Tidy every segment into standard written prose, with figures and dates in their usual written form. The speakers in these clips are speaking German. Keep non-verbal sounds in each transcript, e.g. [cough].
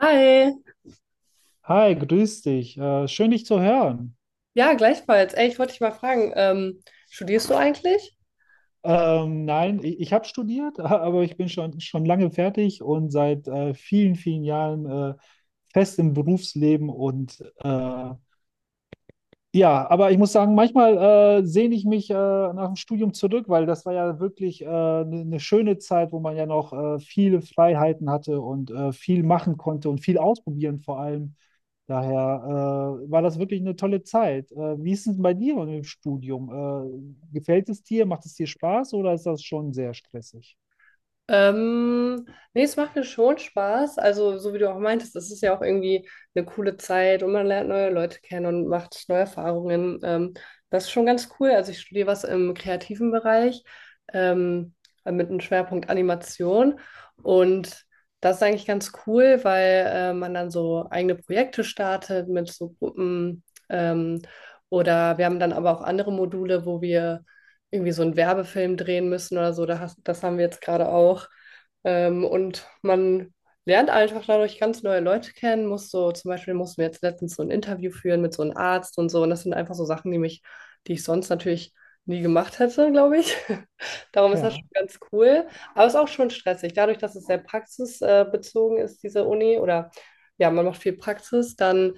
Hi, Hi, grüß dich. Schön, dich zu hören. ja, gleichfalls. Ey, ich wollte dich mal fragen, studierst du eigentlich? Nein, ich habe studiert, [laughs] aber ich bin schon lange fertig und seit vielen Jahren fest im Berufsleben. Und ja, aber ich muss sagen, manchmal sehne ich mich nach dem Studium zurück, weil das war ja wirklich eine schöne Zeit, wo man ja noch viele Freiheiten hatte und viel machen konnte und viel ausprobieren vor allem. Daher war das wirklich eine tolle Zeit. Wie ist es denn bei dir im Studium? Gefällt es dir? Macht es dir Spaß oder ist das schon sehr stressig? Ähm, nee, es macht mir schon Spaß. Also, so wie du auch meintest, es ist ja auch irgendwie eine coole Zeit und man lernt neue Leute kennen und macht neue Erfahrungen. Das ist schon ganz cool. Also, ich studiere was im kreativen Bereich, ähm, mit einem Schwerpunkt Animation. Und das ist eigentlich ganz cool, weil man dann so eigene Projekte startet mit so Gruppen. Ähm, oder wir haben dann aber auch andere Module, wo wir irgendwie so einen Werbefilm drehen müssen oder so. Das haben wir jetzt gerade auch. Und man lernt einfach dadurch ganz neue Leute kennen. Zum Beispiel mussten wir jetzt letztens so ein Interview führen mit so einem Arzt und so. Und das sind einfach so Sachen, die ich sonst natürlich nie gemacht hätte, glaube ich. [laughs] Darum ist das Ja, schon ganz cool. Aber es ist auch schon stressig. Dadurch, dass es sehr praxisbezogen ist, diese Uni, oder ja, man macht viel Praxis, dann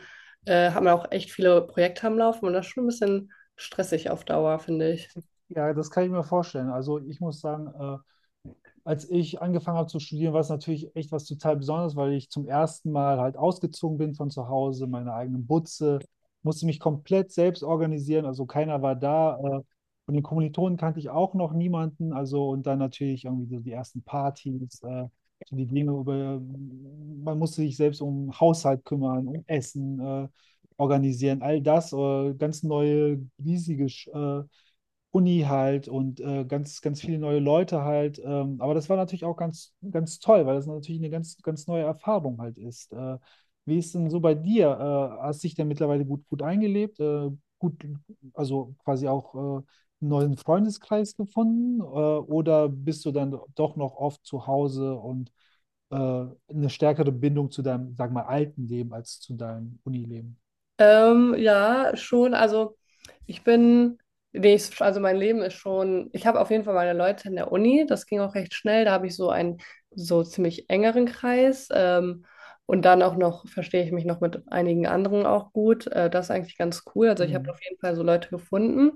hat man auch echt viele Projekte am Laufen und das ist schon ein bisschen stressig auf Dauer, finde ich. ja, das kann ich mir vorstellen. Also ich muss sagen, als ich angefangen habe zu studieren, war es natürlich echt was total Besonderes, weil ich zum ersten Mal halt ausgezogen bin von zu Hause, meine eigenen Butze, musste mich komplett selbst organisieren, also keiner war da. Von den Kommilitonen kannte ich auch noch niemanden, also und dann natürlich irgendwie so die ersten Partys, so die Dinge über, man musste sich selbst um Haushalt kümmern, um Essen organisieren, all das, ganz neue, riesige äh, Uni halt und ganz, ganz viele neue Leute halt. Aber das war natürlich auch ganz, ganz toll, weil das natürlich eine ganz, ganz neue Erfahrung halt ist. Wie ist denn so bei dir? Hast dich denn mittlerweile gut eingelebt? Gut, also quasi auch einen neuen Freundeskreis gefunden? Oder bist du dann doch noch oft zu Hause und eine stärkere Bindung zu deinem, sag mal, alten Leben als zu deinem Unileben? Ja, schon. Ich bin, nee, also mein Leben ist schon, ich habe auf jeden Fall meine Leute in der Uni, das ging auch recht schnell, da habe ich so einen so ziemlich engeren Kreis. Und dann auch noch verstehe ich mich noch mit einigen anderen auch gut. Das ist eigentlich ganz cool. Also ich habe Mhm. auf jeden Fall so Leute gefunden.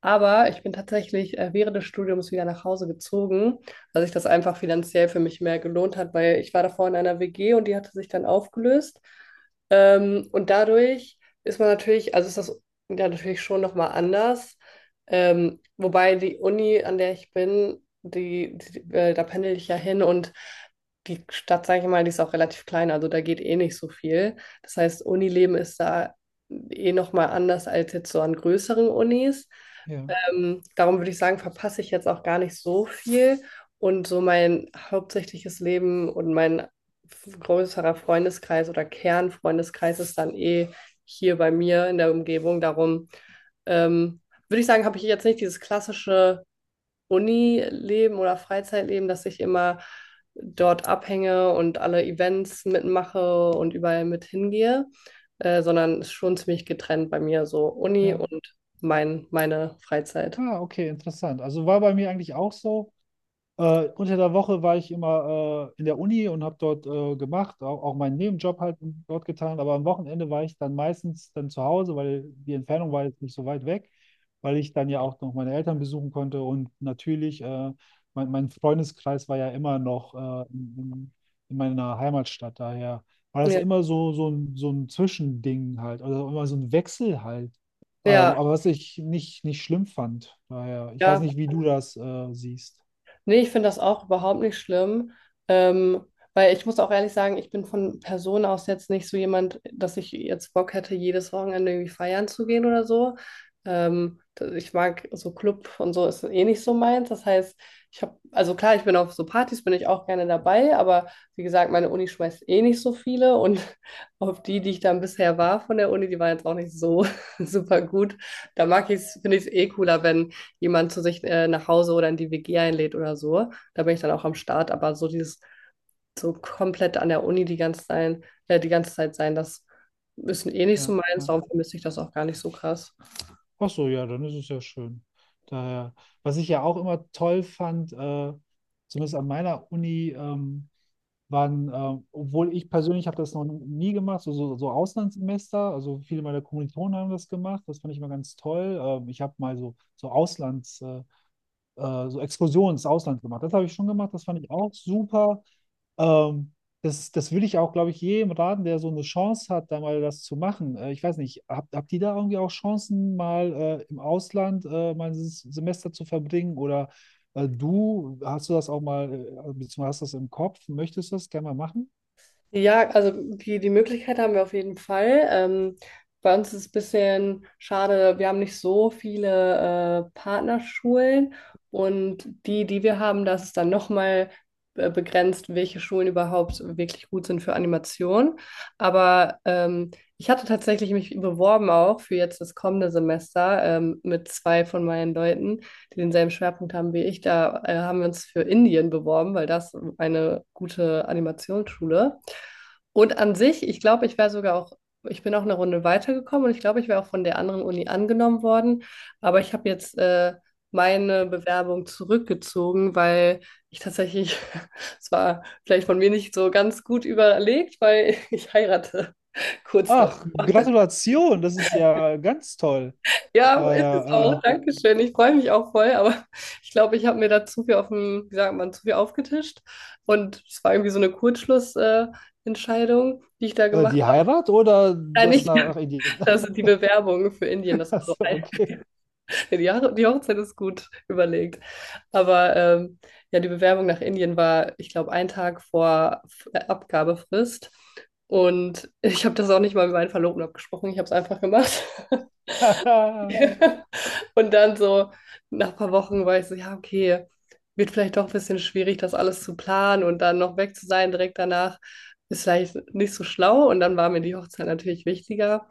Aber ich bin tatsächlich während des Studiums wieder nach Hause gezogen, weil sich das einfach finanziell für mich mehr gelohnt hat, weil ich war davor in einer WG und die hatte sich dann aufgelöst. Und dadurch ist man natürlich, also ist das ja natürlich schon nochmal anders. Wobei die Uni, an der ich bin, die da pendel ich ja hin und die Stadt, sage ich mal, die ist auch relativ klein, also da geht eh nicht so viel. Das heißt, Unileben ist da eh nochmal anders als jetzt so an größeren Unis. Ja, Darum würde ich sagen, verpasse ich jetzt auch gar nicht so viel. Und so mein hauptsächliches Leben und größerer Freundeskreis oder Kernfreundeskreis ist dann eh hier bei mir in der Umgebung. Darum ähm, würde ich sagen, habe ich jetzt nicht dieses klassische Uni-Leben oder Freizeitleben, dass ich immer dort abhänge und alle Events mitmache und überall mit hingehe, sondern ist schon ziemlich getrennt bei mir, so Uni ja. und meine Freizeit. Ah, okay, interessant. Also war bei mir eigentlich auch so. Unter der Woche war ich immer in der Uni und habe dort gemacht, auch meinen Nebenjob halt dort getan. Aber am Wochenende war ich dann meistens dann zu Hause, weil die Entfernung war jetzt nicht so weit weg, weil ich dann ja auch noch meine Eltern besuchen konnte. Und natürlich, mein Freundeskreis war ja immer noch in in meiner Heimatstadt. Daher war das Ja, immer so, so ein Zwischending halt, also immer so ein Wechsel halt. Ja, Aber was ich nicht schlimm fand. Daher, ich weiß ja, nicht, wie du das siehst. nee, ich finde das auch überhaupt nicht schlimm, ähm, weil ich muss auch ehrlich sagen, ich bin von Person aus jetzt nicht so jemand, dass ich jetzt Bock hätte, jedes Wochenende irgendwie feiern zu gehen oder so. Ich mag so Club und so ist eh nicht so meins. Das heißt, also klar, ich bin auf so Partys, bin ich auch gerne dabei, aber wie gesagt, meine Uni schmeißt eh nicht so viele und [laughs] auf die, die ich dann bisher war von der Uni, die waren jetzt auch nicht so [laughs] super gut. Da mag ich es, finde ich es eh cooler, wenn jemand zu sich nach Hause oder in die WG einlädt oder so. Da bin ich dann auch am Start. Aber so dieses, so komplett an der Uni die ganze Zeit, die ganze Zeit sein, das ist eh nicht so Ja, meins. ja. Darum vermisse ich das auch gar nicht so krass. Ach so, ja, dann ist es ja schön. Daher, was ich ja auch immer toll fand, zumindest an meiner Uni, waren, obwohl ich persönlich habe das noch nie gemacht, so Auslandssemester, also viele meiner Kommilitonen haben das gemacht, das fand ich immer ganz toll. Ich habe mal so Auslands, so Exkursionen ins Ausland gemacht, das habe ich schon gemacht, das fand ich auch super. Ähm, das würde ich auch, glaube ich, jedem raten, der so eine Chance hat, da mal das zu machen. Ich weiß nicht, habt ihr da irgendwie auch Chancen, mal im Ausland mal ein Semester zu verbringen? Oder du, hast du das auch mal, beziehungsweise hast du das im Kopf, möchtest du das gerne mal machen? Ja, also die Möglichkeit haben wir auf jeden Fall. Bei uns ist es ein bisschen schade, wir haben nicht so viele Partnerschulen und die, die wir haben, das ist dann nochmal begrenzt, welche Schulen überhaupt wirklich gut sind für Animation. Aber ich hatte tatsächlich mich beworben auch für jetzt das kommende Semester mit zwei von meinen Leuten die denselben Schwerpunkt haben wie ich, da haben wir uns für Indien beworben, weil das eine gute Animationsschule. Und an sich, ich glaube, ich wäre sogar auch, ich bin auch eine Runde weitergekommen und ich glaube, ich wäre auch von der anderen Uni angenommen worden. Aber ich habe jetzt meine Bewerbung zurückgezogen, weil ich tatsächlich, [laughs] es war vielleicht von mir nicht so ganz gut überlegt, weil ich heirate [laughs] kurz davor. Ach, Gratulation, das ist ja ganz toll. Ja, ist es auch. Naja, Dankeschön. Ich freue mich auch voll, aber [laughs] ich glaube, ich habe mir da zu viel auf dem, wie sagt man, zu viel aufgetischt. Und es war irgendwie so eine Kurzschlussentscheidung, Entscheidung, die ich da gemacht die habe. Heirat oder Nein, das nicht, nach [laughs] Indien? das sind die Bewerbungen für Indien. Das [laughs] war so Achso, ein, okay. [laughs] Die Hochzeit ist gut überlegt. Aber ja, die Bewerbung nach Indien war, ich glaube, ein Tag vor Abgabefrist. Und [laughs] ich habe das auch nicht mal mit meinen Verlobten abgesprochen. Ich habe es einfach gemacht. [laughs] [laughs] Ja. [laughs] Und dann so nach ein paar Wochen war ich so, ja, okay, wird vielleicht doch ein bisschen schwierig, das alles zu planen und dann noch weg zu sein direkt danach, ist vielleicht nicht so schlau. Und dann war mir die Hochzeit natürlich wichtiger.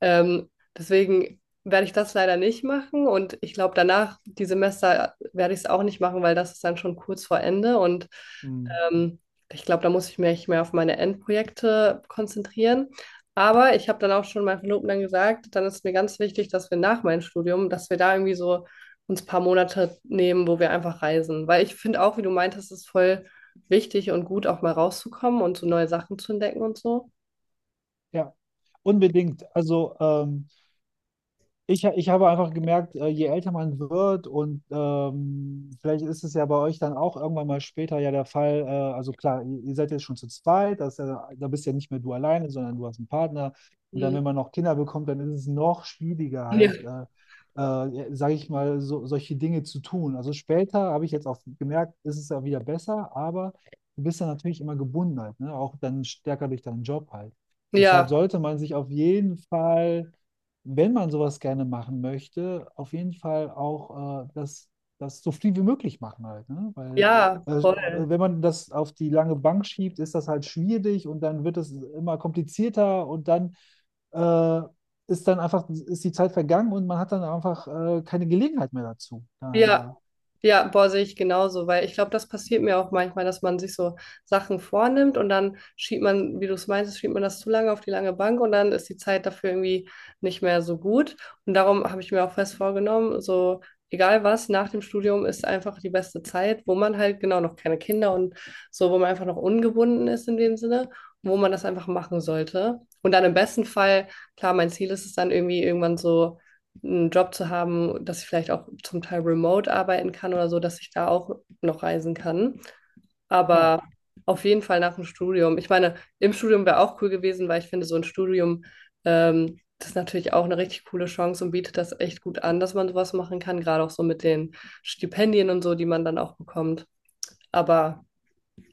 Ähm, deswegen werde ich das leider nicht machen und ich glaube, danach, die Semester, werde ich es auch nicht machen, weil das ist dann schon kurz vor Ende und Hm, ähm, ich glaube, da muss ich mich mehr auf meine Endprojekte konzentrieren. Aber ich habe dann auch schon meinem Verlobten dann gesagt, dann ist mir ganz wichtig, dass wir nach meinem Studium, dass wir da irgendwie so uns ein paar Monate nehmen, wo wir einfach reisen. Weil ich finde auch, wie du meintest, ist voll wichtig und gut, auch mal rauszukommen und so neue Sachen zu entdecken und so. ja, unbedingt. Also, ich habe einfach gemerkt, je älter man wird und vielleicht ist es ja bei euch dann auch irgendwann mal später ja der Fall, also klar, ihr seid jetzt schon zu zweit, das ist ja, da bist ja nicht mehr du alleine, sondern du hast einen Partner. Und dann, Mhm. wenn man noch Kinder bekommt, dann ist es noch schwieriger Ja. halt, sage ich mal, so, solche Dinge zu tun. Also später habe ich jetzt auch gemerkt, ist es ja wieder besser, aber du bist dann natürlich immer gebunden halt, ne? Auch dann stärker durch deinen Job halt. Deshalb Ja, sollte man sich auf jeden Fall wenn man sowas gerne machen möchte, auf jeden Fall auch das so viel wie möglich machen halt, ne? Weil ja, äh, voll. wenn man das auf die lange Bank schiebt, ist das halt schwierig und dann wird es immer komplizierter und dann äh, ist dann einfach, ist die Zeit vergangen und man hat dann einfach keine Gelegenheit mehr dazu. Ja, Daher, ja, boah, sehe ich genauso, weil ich glaube, das passiert mir auch manchmal, dass man sich so Sachen vornimmt und dann schiebt man, wie du es meinst, schiebt man das zu lange auf die lange Bank und dann ist die Zeit dafür irgendwie nicht mehr so gut. Und darum habe ich mir auch fest vorgenommen, so egal was, nach dem Studium ist einfach die beste Zeit, wo man halt genau noch keine Kinder und so, wo man einfach noch ungebunden ist in dem Sinne, wo man das einfach machen sollte. Und dann im besten Fall, klar, mein Ziel ist es dann irgendwie irgendwann so einen Job zu haben, dass ich vielleicht auch zum Teil remote arbeiten kann oder so, dass ich da auch noch reisen kann. ja, Aber auf jeden Fall nach dem Studium. Ich meine, im Studium wäre auch cool gewesen, weil ich finde, so ein Studium, das ist natürlich auch eine richtig coole Chance und bietet das echt gut an, dass man sowas machen kann, gerade auch so mit den Stipendien und so, die man dann auch bekommt. Aber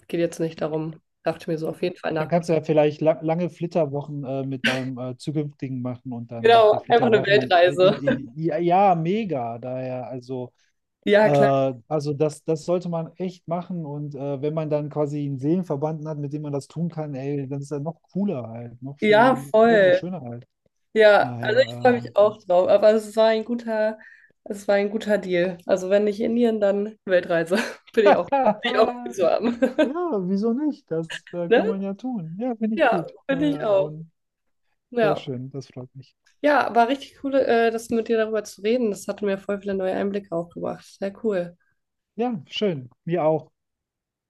geht jetzt nicht darum. Dachte ich mir so auf jeden Fall dann nach. Dem Studium. kannst du ja vielleicht la lange Flitterwochen mit deinem zukünftigen machen und dann macht ihr Genau, einfach eine Flitterwochen Weltreise. Ja, ja, mega. Daher, Ja, klar. Also das sollte man echt machen und wenn man dann quasi einen Seelenverwandten hat, mit dem man das tun kann, ey, dann ist das noch cooler halt, Ja, noch mal voll. schöner halt. Ja, also ich freue Daher, mich auch drauf. Es war ein guter Deal. Also wenn nicht Indien, dann Weltreise. [laughs] [laughs] Ja, bin ich auch gut zu haben. [laughs] wieso nicht? Das Ne? kann man ja tun. Ja, finde ich Ja, gut. Bin ich auch. Und sehr Ja. schön, das freut mich. Ja, war richtig cool, das mit dir darüber zu reden. Das hatte mir voll viele neue Einblicke auch gebracht. Sehr cool. Ja, schön. Mir auch.